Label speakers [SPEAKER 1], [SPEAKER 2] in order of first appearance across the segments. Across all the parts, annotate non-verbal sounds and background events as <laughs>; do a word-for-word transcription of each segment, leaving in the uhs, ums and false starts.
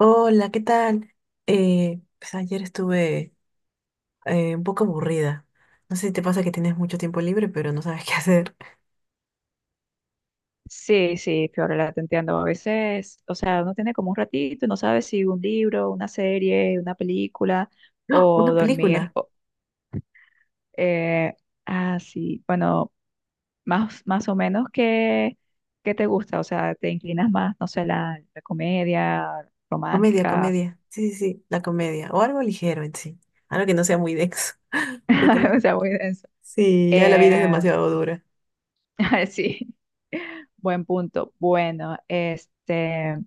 [SPEAKER 1] Hola, ¿qué tal? Eh, pues ayer estuve eh, un poco aburrida. No sé si te pasa que tienes mucho tiempo libre, pero no sabes <laughs> qué hacer.
[SPEAKER 2] Sí, sí, Fiorella, te entiendo. A veces, o sea, uno tiene como un ratito y no sabe si un libro, una serie, una película
[SPEAKER 1] ¡Ah! Una
[SPEAKER 2] o dormir.
[SPEAKER 1] película.
[SPEAKER 2] o- eh, ah, sí, bueno, más, más o menos que, que te gusta, o sea, te inclinas más, no sé, la, la comedia
[SPEAKER 1] Comedia,
[SPEAKER 2] romántica.
[SPEAKER 1] comedia. Sí, sí, sí, la comedia. O algo ligero en sí. Algo que no sea muy denso. <laughs> Porque
[SPEAKER 2] <laughs> O sea, muy denso.
[SPEAKER 1] sí, ya la vida es
[SPEAKER 2] Eh,
[SPEAKER 1] demasiado dura.
[SPEAKER 2] <laughs> sí. Buen punto. Bueno, este,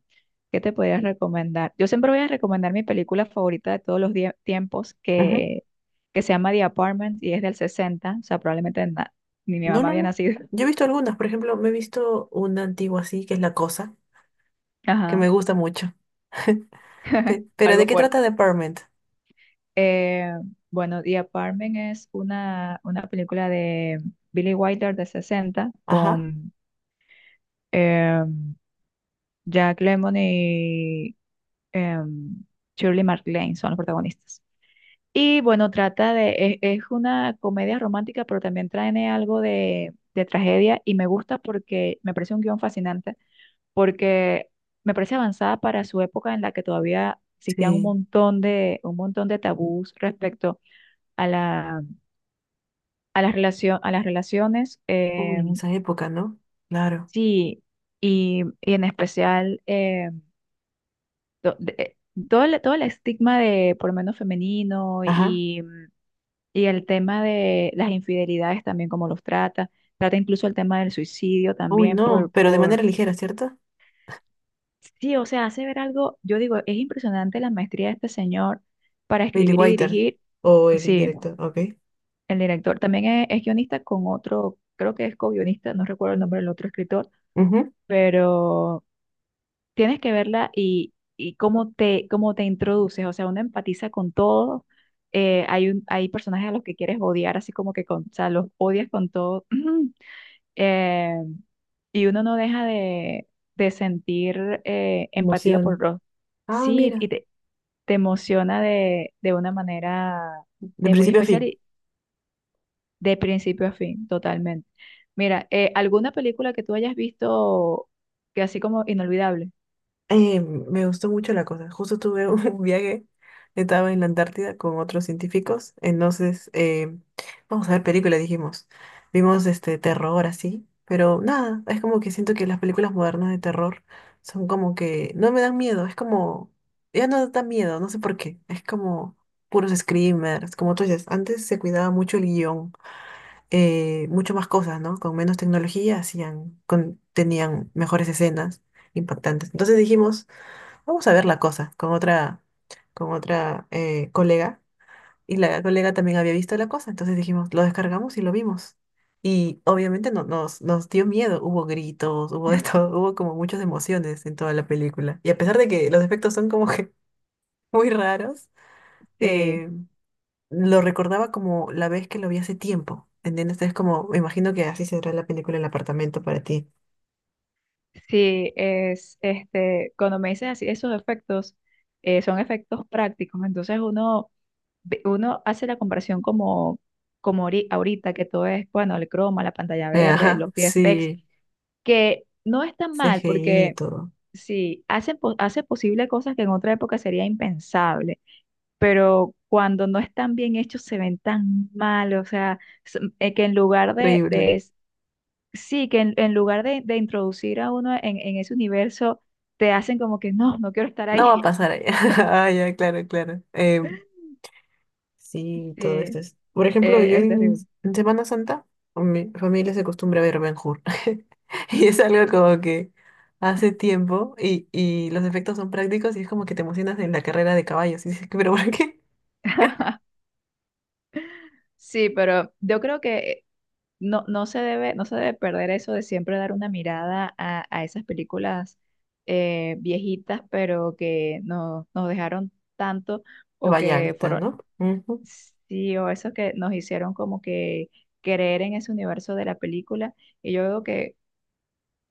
[SPEAKER 2] ¿qué te podría recomendar? Yo siempre voy a recomendar mi película favorita de todos los die- tiempos,
[SPEAKER 1] Ujú.
[SPEAKER 2] que, que se llama The Apartment y es del sesenta, o sea, probablemente na- ni mi
[SPEAKER 1] No,
[SPEAKER 2] mamá
[SPEAKER 1] no,
[SPEAKER 2] había
[SPEAKER 1] no.
[SPEAKER 2] nacido.
[SPEAKER 1] Yo he visto algunas. Por ejemplo, me he visto una antigua así, que es La Cosa,
[SPEAKER 2] <laughs>
[SPEAKER 1] que
[SPEAKER 2] Ajá,
[SPEAKER 1] me gusta mucho. <laughs> Pe- Pero ¿de
[SPEAKER 2] algo
[SPEAKER 1] qué
[SPEAKER 2] fuerte.
[SPEAKER 1] trata Department?
[SPEAKER 2] Eh, bueno, The Apartment es una, una película de Billy Wilder de sesenta
[SPEAKER 1] Ajá.
[SPEAKER 2] con em, Jack Lemmon y em, Shirley MacLaine, son los protagonistas. Y bueno, trata de, es, es una comedia romántica, pero también trae algo de, de tragedia y me gusta porque me parece un guión fascinante, porque me parece avanzada para su época en la que todavía existían un
[SPEAKER 1] Sí.
[SPEAKER 2] montón de, un montón de tabús respecto a la, a las relación, a las relaciones.
[SPEAKER 1] Uy,
[SPEAKER 2] Eh,
[SPEAKER 1] en esa época, ¿no? Claro.
[SPEAKER 2] sí, y, y en especial eh, to- de- eh, todo el, todo el estigma de por lo menos femenino.
[SPEAKER 1] Ajá.
[SPEAKER 2] y Y el tema de las infidelidades también, cómo los trata. Trata incluso el tema del suicidio
[SPEAKER 1] Uy,
[SPEAKER 2] también
[SPEAKER 1] no,
[SPEAKER 2] por,
[SPEAKER 1] pero de manera
[SPEAKER 2] por...
[SPEAKER 1] ligera, ¿cierto?
[SPEAKER 2] Sí, o sea, hace ver algo, yo digo, es impresionante la maestría de este señor para
[SPEAKER 1] Billy
[SPEAKER 2] escribir y
[SPEAKER 1] Wilder
[SPEAKER 2] dirigir.
[SPEAKER 1] o el
[SPEAKER 2] Sí,
[SPEAKER 1] director, ok.
[SPEAKER 2] el director también es, es guionista con otro, creo que es co-guionista, no recuerdo el nombre del otro escritor,
[SPEAKER 1] Ujú.
[SPEAKER 2] pero tienes que verla y, y cómo te, cómo te introduces, o sea, uno empatiza con todo. Eh, hay, un, hay personajes a los que quieres odiar, así como que con, o sea, los odias con todo. <clears throat> eh, y uno no deja de, de sentir eh, empatía por
[SPEAKER 1] Emoción.
[SPEAKER 2] Ross.
[SPEAKER 1] Ah,
[SPEAKER 2] Sí, y
[SPEAKER 1] mira,
[SPEAKER 2] te, te emociona de, de una manera
[SPEAKER 1] de
[SPEAKER 2] eh, muy
[SPEAKER 1] principio a
[SPEAKER 2] especial
[SPEAKER 1] fin.
[SPEAKER 2] y de principio a fin, totalmente. Mira, eh, ¿alguna película que tú hayas visto que así como inolvidable?
[SPEAKER 1] Eh, me gustó mucho la cosa. Justo tuve un <laughs> viaje, estaba en la Antártida con otros científicos, entonces eh, vamos a ver películas, dijimos. Vimos este terror así, pero nada, es como que siento que las películas modernas de terror son como que no me dan miedo, es como, ya no da miedo, no sé por qué, es como puros screamers, como tú dices, antes se cuidaba mucho el guión, eh, mucho más cosas, ¿no? Con menos tecnología hacían, con- tenían mejores escenas impactantes. Entonces dijimos... Vamos a ver la cosa con otra, con otra eh, colega. Y la colega también había visto la cosa. Entonces dijimos, lo descargamos y lo vimos. Y obviamente no, nos, nos dio miedo. Hubo gritos, hubo de <laughs> todo, hubo como muchas emociones en toda la película. Y a pesar de que los efectos son como que <laughs> muy raros,
[SPEAKER 2] Sí,
[SPEAKER 1] eh, lo recordaba como la vez que lo vi hace tiempo. ¿Entiendes? Es como, me imagino que así será la película El apartamento para ti.
[SPEAKER 2] sí, es este, cuando me dices así, esos efectos eh, son efectos prácticos, entonces uno ve- uno hace la comparación como, como ahori- ahorita, que todo es, bueno, el croma, la pantalla
[SPEAKER 1] Eh,
[SPEAKER 2] verde,
[SPEAKER 1] ajá,
[SPEAKER 2] los V F X,
[SPEAKER 1] sí,
[SPEAKER 2] que no es tan mal,
[SPEAKER 1] C G I y
[SPEAKER 2] porque
[SPEAKER 1] todo.
[SPEAKER 2] sí, hacen, po- hace posible cosas que en otra época sería impensable, pero cuando no están bien hechos se ven tan mal, o sea, s- eh, que en lugar de,
[SPEAKER 1] Horrible.
[SPEAKER 2] de es- sí, que en, en lugar de, de introducir a uno en, en ese universo, te hacen como que no, no quiero estar
[SPEAKER 1] No va a
[SPEAKER 2] ahí.
[SPEAKER 1] pasar allá. <laughs> Ah, ya, claro, claro. Em,
[SPEAKER 2] <laughs>
[SPEAKER 1] sí,
[SPEAKER 2] Sí,
[SPEAKER 1] todo
[SPEAKER 2] eh,
[SPEAKER 1] esto es. Por ejemplo, yo
[SPEAKER 2] es
[SPEAKER 1] en,
[SPEAKER 2] terrible.
[SPEAKER 1] en Semana Santa, con mi familia se acostumbra a ver Ben Hur. <laughs> Y es algo como que hace tiempo y, y los efectos son prácticos y es como que te emocionas en la carrera de caballos. Y dices, pero ¿por qué?
[SPEAKER 2] Sí, pero yo creo que no, no se debe, no se debe perder eso de siempre dar una mirada a, a esas películas eh, viejitas, pero que no- nos dejaron tanto o
[SPEAKER 1] Vaya
[SPEAKER 2] que
[SPEAKER 1] alta,
[SPEAKER 2] fueron,
[SPEAKER 1] ¿no? Ujú.
[SPEAKER 2] sí, o eso que nos hicieron como que creer en ese universo de la película. Y yo veo que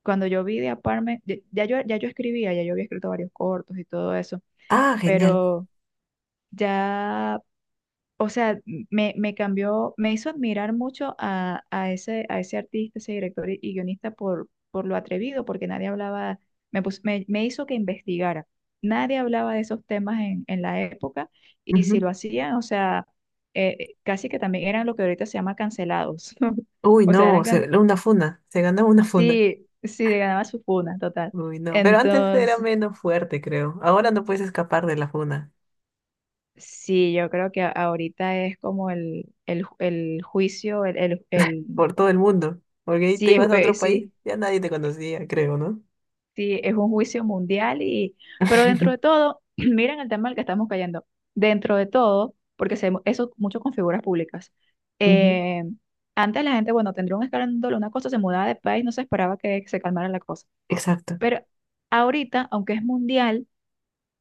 [SPEAKER 2] cuando yo vi de Apartment, ya, ya yo, ya yo escribía, ya yo había escrito varios cortos y todo eso,
[SPEAKER 1] Ah, genial.
[SPEAKER 2] pero ya, o sea, me, me cambió, me hizo admirar mucho a, a ese, a ese artista, ese director y, y guionista por, por lo atrevido, porque nadie hablaba, me, pus- me, me hizo que investigara. Nadie hablaba de esos temas en, en la época y si
[SPEAKER 1] Ujú.
[SPEAKER 2] lo hacían, o sea, eh, casi que también eran lo que ahorita se llama cancelados. <laughs>
[SPEAKER 1] Uy,
[SPEAKER 2] O sea, eran,
[SPEAKER 1] no,
[SPEAKER 2] cance-
[SPEAKER 1] se- una funda. Se ganó una funda.
[SPEAKER 2] sí, sí, ganaba su funa, total.
[SPEAKER 1] Uy, no. Pero antes era
[SPEAKER 2] Entonces,
[SPEAKER 1] menos fuerte, creo. Ahora no puedes escapar de la funda.
[SPEAKER 2] sí, yo creo que a- ahorita es como el, el, ju- el juicio, el, el, el...
[SPEAKER 1] Por todo el mundo, porque te
[SPEAKER 2] Sí, es,
[SPEAKER 1] ibas a
[SPEAKER 2] eh,
[SPEAKER 1] otro país,
[SPEAKER 2] sí,
[SPEAKER 1] ya nadie te conocía, creo, ¿no?
[SPEAKER 2] sí, es un juicio mundial y, pero dentro de
[SPEAKER 1] <laughs>
[SPEAKER 2] todo, <clears throat> miren el tema al que estamos cayendo. Dentro de todo, porque se, eso mucho con figuras públicas.
[SPEAKER 1] Ujú,
[SPEAKER 2] eh, Antes la gente, bueno, tendría un escándalo, una cosa, se mudaba de país, no se esperaba que se calmara la cosa.
[SPEAKER 1] exacto.
[SPEAKER 2] Pero ahorita, aunque es mundial,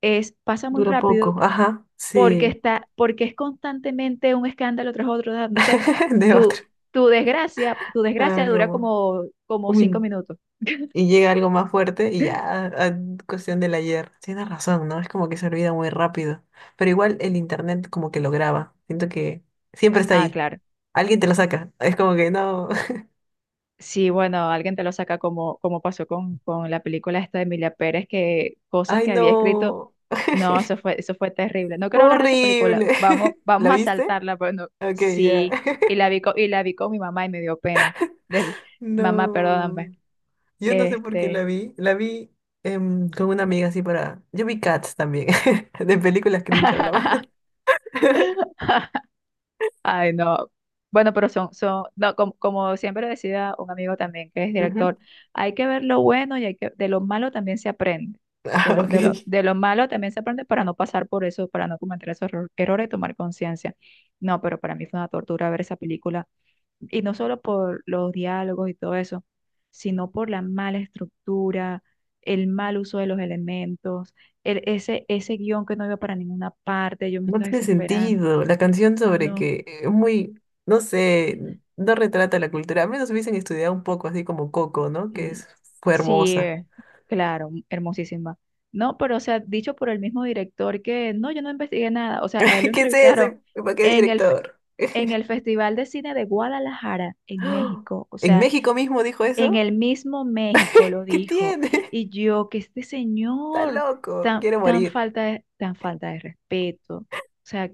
[SPEAKER 2] es, pasa muy
[SPEAKER 1] Dura poco.
[SPEAKER 2] rápido
[SPEAKER 1] Ajá,
[SPEAKER 2] porque
[SPEAKER 1] sí.
[SPEAKER 2] está, porque es constantemente un escándalo tras otro. Tras otro. Entonces,
[SPEAKER 1] <laughs> De otro.
[SPEAKER 2] tu, tu desgracia, tu desgracia dura
[SPEAKER 1] Algo.
[SPEAKER 2] como, como
[SPEAKER 1] un
[SPEAKER 2] cinco
[SPEAKER 1] min-
[SPEAKER 2] minutos.
[SPEAKER 1] y llega algo más fuerte y ya, ah, cuestión del ayer. Tienes razón, ¿no? Es como que se olvida muy rápido. Pero igual el internet como que lo graba. Siento que siempre está
[SPEAKER 2] Ah,
[SPEAKER 1] ahí.
[SPEAKER 2] claro.
[SPEAKER 1] Alguien te lo saca. Es como que no.
[SPEAKER 2] Sí, bueno, alguien te lo saca como, como pasó con, con la película esta de Emilia Pérez, que
[SPEAKER 1] <laughs>
[SPEAKER 2] cosas
[SPEAKER 1] Ay,
[SPEAKER 2] que había escrito,
[SPEAKER 1] no.
[SPEAKER 2] no, eso
[SPEAKER 1] <laughs>
[SPEAKER 2] fue, eso fue terrible. No quiero hablar de esa película,
[SPEAKER 1] Horrible.
[SPEAKER 2] vamos,
[SPEAKER 1] <laughs> ¿La
[SPEAKER 2] vamos a
[SPEAKER 1] viste?
[SPEAKER 2] saltarla, pero no,
[SPEAKER 1] Ok, ya.
[SPEAKER 2] sí, y
[SPEAKER 1] <laughs>
[SPEAKER 2] la vi con, y la vi con mi mamá y me dio pena. Des- Mamá,
[SPEAKER 1] No.
[SPEAKER 2] perdóname.
[SPEAKER 1] Yo no sé por qué la
[SPEAKER 2] Este,
[SPEAKER 1] vi. La vi em, con una amiga así para. Yo vi Cats también. <laughs> De películas cringe hablaba.
[SPEAKER 2] <laughs>
[SPEAKER 1] <laughs>
[SPEAKER 2] ay, no. Bueno, pero son, son, no, como, como siempre decía un amigo también que es
[SPEAKER 1] Ujú.
[SPEAKER 2] director, hay que ver lo bueno y hay que, de lo malo también se aprende. De
[SPEAKER 1] Ah,
[SPEAKER 2] lo,
[SPEAKER 1] ok.
[SPEAKER 2] de lo, de lo malo también se aprende para no pasar por eso, para no cometer esos erro- errores y tomar conciencia. No, pero para mí fue una tortura ver esa película. Y no solo por los diálogos y todo eso, sino por la mala estructura, el mal uso de los elementos, el, ese, ese guión que no iba para ninguna parte, yo me
[SPEAKER 1] No
[SPEAKER 2] estaba
[SPEAKER 1] tiene
[SPEAKER 2] desesperando.
[SPEAKER 1] sentido. La canción sobre
[SPEAKER 2] No.
[SPEAKER 1] que es muy, no sé, no retrata la cultura. A menos hubiesen estudiado un poco, así como Coco, ¿no? Que
[SPEAKER 2] Mm,
[SPEAKER 1] es, fue
[SPEAKER 2] sí,
[SPEAKER 1] hermosa.
[SPEAKER 2] eh, claro, m- hermosísima. No, pero o sea, dicho por el mismo director que no, yo no investigué nada. O sea, a él lo
[SPEAKER 1] <laughs> ¿Qué es eso?
[SPEAKER 2] entrevistaron
[SPEAKER 1] ¿Para qué
[SPEAKER 2] en el, fe-
[SPEAKER 1] director? <gasps>
[SPEAKER 2] en el Festival de Cine de Guadalajara, en
[SPEAKER 1] ¡Ah!
[SPEAKER 2] México. O
[SPEAKER 1] ¿En
[SPEAKER 2] sea,
[SPEAKER 1] México mismo dijo
[SPEAKER 2] en
[SPEAKER 1] eso?
[SPEAKER 2] el mismo México lo
[SPEAKER 1] <laughs> ¿Qué
[SPEAKER 2] dijo.
[SPEAKER 1] tiene? <laughs>
[SPEAKER 2] Y yo, que este
[SPEAKER 1] Está
[SPEAKER 2] señor,
[SPEAKER 1] loco.
[SPEAKER 2] tan,
[SPEAKER 1] Quiero
[SPEAKER 2] tan
[SPEAKER 1] morir.
[SPEAKER 2] falta de, tan falta de respeto. O sea,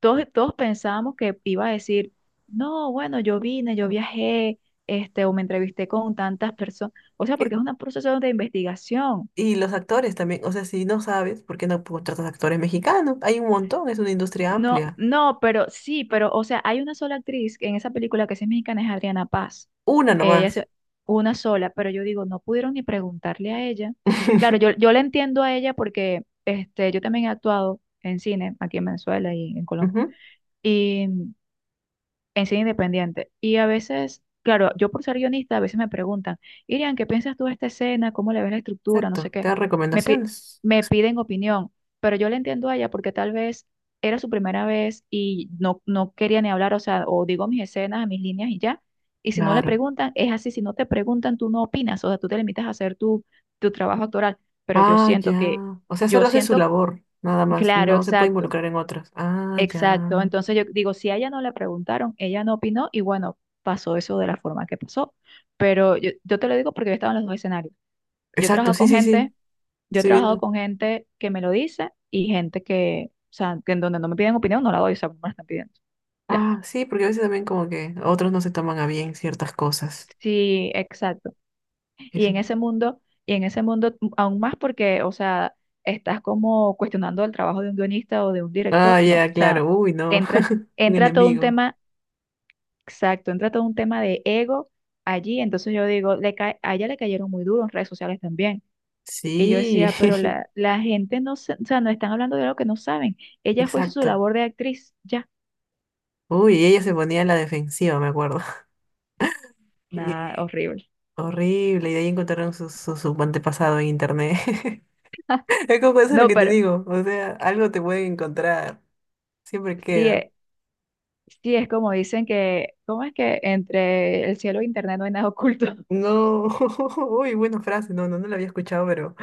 [SPEAKER 2] todos, todos pensábamos que iba a decir, no, bueno, yo vine, yo viajé, este, o me entrevisté con tantas personas, o sea, porque es un proceso de investigación.
[SPEAKER 1] Y los actores también, o sea, si no sabes, ¿por qué no contratas actores mexicanos? Hay un montón, es una industria
[SPEAKER 2] No,
[SPEAKER 1] amplia.
[SPEAKER 2] no, pero sí, pero, o sea, hay una sola actriz en esa película que sí es mexicana, es Adriana Paz.
[SPEAKER 1] Una
[SPEAKER 2] Ella es
[SPEAKER 1] nomás.
[SPEAKER 2] una sola, pero yo digo, no pudieron ni preguntarle a ella. Claro, yo,
[SPEAKER 1] <laughs>
[SPEAKER 2] yo la entiendo a ella porque este, yo también he actuado en cine aquí en Venezuela y en Colombia.
[SPEAKER 1] Ujú,
[SPEAKER 2] Y en cine independiente. Y a veces, claro, yo por ser guionista, a veces me preguntan, Irian, ¿qué piensas tú de esta escena? ¿Cómo le ves la estructura? No sé
[SPEAKER 1] exacto, te
[SPEAKER 2] qué.
[SPEAKER 1] dan
[SPEAKER 2] Me, pi-
[SPEAKER 1] recomendaciones.
[SPEAKER 2] Me piden opinión, pero yo le entiendo a ella porque tal vez era su primera vez y no, no quería ni hablar, o sea, o digo mis escenas, mis líneas y ya. Y si no le
[SPEAKER 1] Claro.
[SPEAKER 2] preguntan, es así, si no te preguntan, tú no opinas, o sea, tú te limitas a hacer tu, tu trabajo actoral. Pero yo
[SPEAKER 1] Ah,
[SPEAKER 2] siento que,
[SPEAKER 1] ya. O sea,
[SPEAKER 2] yo
[SPEAKER 1] solo hace su
[SPEAKER 2] siento,
[SPEAKER 1] labor, nada más.
[SPEAKER 2] claro,
[SPEAKER 1] No se puede
[SPEAKER 2] exacto.
[SPEAKER 1] involucrar en otras. Ah,
[SPEAKER 2] Exacto,
[SPEAKER 1] ya.
[SPEAKER 2] entonces yo digo, si a ella no le preguntaron, ella no opinó y bueno, pasó eso de la forma que pasó. Pero yo, yo te lo digo porque yo he estado en los dos escenarios. Yo he
[SPEAKER 1] Exacto,
[SPEAKER 2] trabajado
[SPEAKER 1] sí,
[SPEAKER 2] con
[SPEAKER 1] sí, sí.
[SPEAKER 2] gente, yo he
[SPEAKER 1] Estoy
[SPEAKER 2] trabajado
[SPEAKER 1] viendo.
[SPEAKER 2] con gente que me lo dice y gente que, o sea, que en donde no me piden opinión, no la doy, o sea, no me la están pidiendo. Ya.
[SPEAKER 1] Ah, sí, porque a veces también como que otros no se toman a bien ciertas cosas.
[SPEAKER 2] Sí, exacto. Y
[SPEAKER 1] Eso.
[SPEAKER 2] en ese mundo, y en ese mundo m- aún más porque, o sea, estás como cuestionando el trabajo de un guionista o de un director,
[SPEAKER 1] Ah,
[SPEAKER 2] no,
[SPEAKER 1] ya,
[SPEAKER 2] o sea,
[SPEAKER 1] claro. Uy, no.
[SPEAKER 2] entra,
[SPEAKER 1] <laughs> Un
[SPEAKER 2] entra todo un
[SPEAKER 1] enemigo.
[SPEAKER 2] tema. Exacto, entra todo un tema de ego allí, entonces yo digo, le cae- a ella le cayeron muy duro en redes sociales también. Y yo
[SPEAKER 1] Sí,
[SPEAKER 2] decía, pero la, la gente no, se- o sea, no están hablando de algo que no saben.
[SPEAKER 1] <laughs>
[SPEAKER 2] Ella fue, hizo su
[SPEAKER 1] exacto.
[SPEAKER 2] labor de actriz, ya,
[SPEAKER 1] Uy, y ella se ponía a la defensiva, me acuerdo. <laughs> Y-
[SPEAKER 2] nada, horrible.
[SPEAKER 1] horrible, y de ahí encontraron su, su, su antepasado en internet. <laughs> Es como eso es lo
[SPEAKER 2] No,
[SPEAKER 1] que te
[SPEAKER 2] pero
[SPEAKER 1] digo, o sea, algo te pueden encontrar, siempre
[SPEAKER 2] sí,
[SPEAKER 1] queda.
[SPEAKER 2] es- sí es como dicen que, ¿cómo es que entre el cielo e internet no hay nada oculto? <laughs>
[SPEAKER 1] No, <laughs> uy, buena frase, no, no, no la había escuchado, pero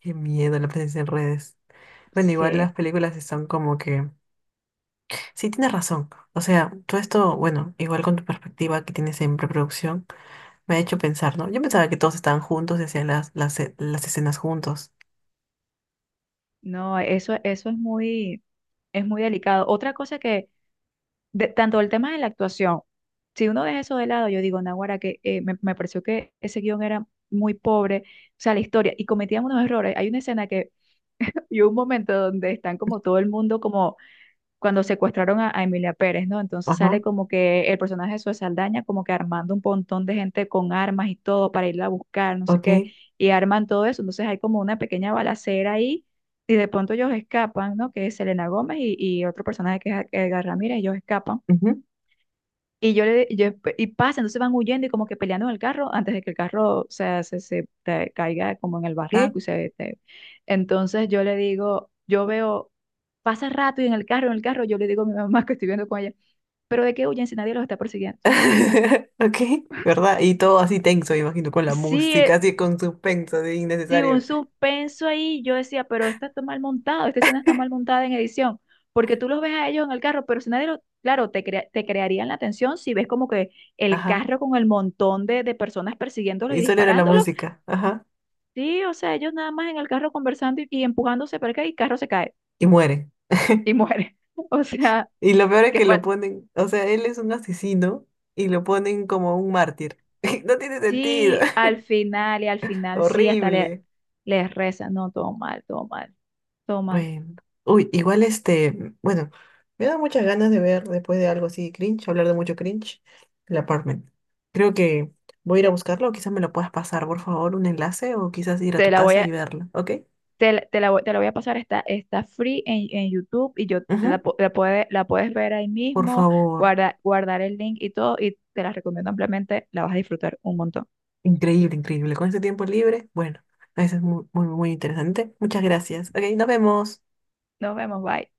[SPEAKER 1] qué miedo la presencia en redes. Bueno, igual
[SPEAKER 2] Sí,
[SPEAKER 1] las películas están como que, sí, tienes razón, o sea, todo esto, bueno, igual con tu perspectiva que tienes en preproducción, me ha hecho pensar, ¿no? Yo pensaba que todos estaban juntos y hacían las, las, las escenas juntos.
[SPEAKER 2] no, eso, eso es muy, es muy delicado. Otra cosa que de- tanto el tema de la actuación, si uno deja eso de lado, yo digo, Naguará, que eh, me, me pareció que ese guión era muy pobre, o sea, la historia, y cometían unos errores. Hay una escena que, <laughs> y un momento donde están como todo el mundo, como cuando secuestraron a, a Emilia Pérez, ¿no? Entonces sale
[SPEAKER 1] Ajá,
[SPEAKER 2] como que el personaje de Zoe Saldaña, como que armando un montón de gente con armas y todo para irla a buscar, no sé
[SPEAKER 1] ok.
[SPEAKER 2] qué, y arman todo eso. Entonces hay como una pequeña balacera ahí. Y de pronto ellos escapan, ¿no? Que es Selena Gómez y, y otro personaje que es Edgar Ramírez, ellos escapan.
[SPEAKER 1] Ujú.
[SPEAKER 2] Y yo le, y yo, y pasa, entonces van huyendo y como que peleando en el carro antes de que el carro, o sea, se, se te caiga como en el
[SPEAKER 1] ¿Qué?
[SPEAKER 2] barranco y se... te- entonces yo le digo, yo veo, pasa rato y en el carro, en el carro, yo le digo a mi mamá <laughs> que estoy viendo con ella, pero ¿de qué huyen si nadie los está persiguiendo?
[SPEAKER 1] <laughs> Ok, ¿verdad? Y todo así tenso, me imagino, con la
[SPEAKER 2] Sí,
[SPEAKER 1] música,
[SPEAKER 2] eh,
[SPEAKER 1] así con suspenso, así
[SPEAKER 2] sí, un
[SPEAKER 1] innecesario.
[SPEAKER 2] suspenso ahí, yo decía, pero esto está mal montado, esta escena está mal montada en edición, porque tú los ves a ellos en el carro, pero si nadie lo, claro, te, crea- te crearían la atención si ves como que el
[SPEAKER 1] Ajá.
[SPEAKER 2] carro con el montón de, de personas persiguiéndolo
[SPEAKER 1] Y
[SPEAKER 2] y
[SPEAKER 1] solo era la
[SPEAKER 2] disparándolo.
[SPEAKER 1] música. Ajá.
[SPEAKER 2] Sí, o sea, ellos nada más en el carro conversando y, y empujándose para acá y el carro se cae
[SPEAKER 1] Y muere.
[SPEAKER 2] y muere. <laughs> O sea,
[SPEAKER 1] Y lo peor es
[SPEAKER 2] que
[SPEAKER 1] que lo
[SPEAKER 2] fal
[SPEAKER 1] ponen, o sea, él es un asesino y lo ponen como un mártir. <laughs> No tiene sentido.
[SPEAKER 2] sí,
[SPEAKER 1] <laughs>
[SPEAKER 2] al final y al final, sí, hasta le,
[SPEAKER 1] Horrible.
[SPEAKER 2] les rezan, no, todo mal, todo mal, todo mal.
[SPEAKER 1] Bueno, uy, igual este, bueno, me da muchas ganas de ver después de algo así cringe, hablar de mucho cringe, el apartment. Creo que voy a ir a buscarlo, o quizás me lo puedas pasar, por favor, un enlace, o quizás ir a
[SPEAKER 2] Te
[SPEAKER 1] tu
[SPEAKER 2] la voy
[SPEAKER 1] casa y
[SPEAKER 2] a,
[SPEAKER 1] verlo, ¿ok?
[SPEAKER 2] Te, la- te la, voy- Te la voy a pasar, está, está free en, en YouTube y yo la,
[SPEAKER 1] Ujú,
[SPEAKER 2] pu- la, puede- la puedes ver ahí
[SPEAKER 1] por
[SPEAKER 2] mismo,
[SPEAKER 1] favor,
[SPEAKER 2] guarda- guardar el link y todo, y te la recomiendo ampliamente, la vas a disfrutar un montón.
[SPEAKER 1] increíble, increíble. Con este tiempo libre, bueno, eso es muy, muy, muy interesante. Muchas gracias. Ok, nos vemos.
[SPEAKER 2] Nos vemos, bye.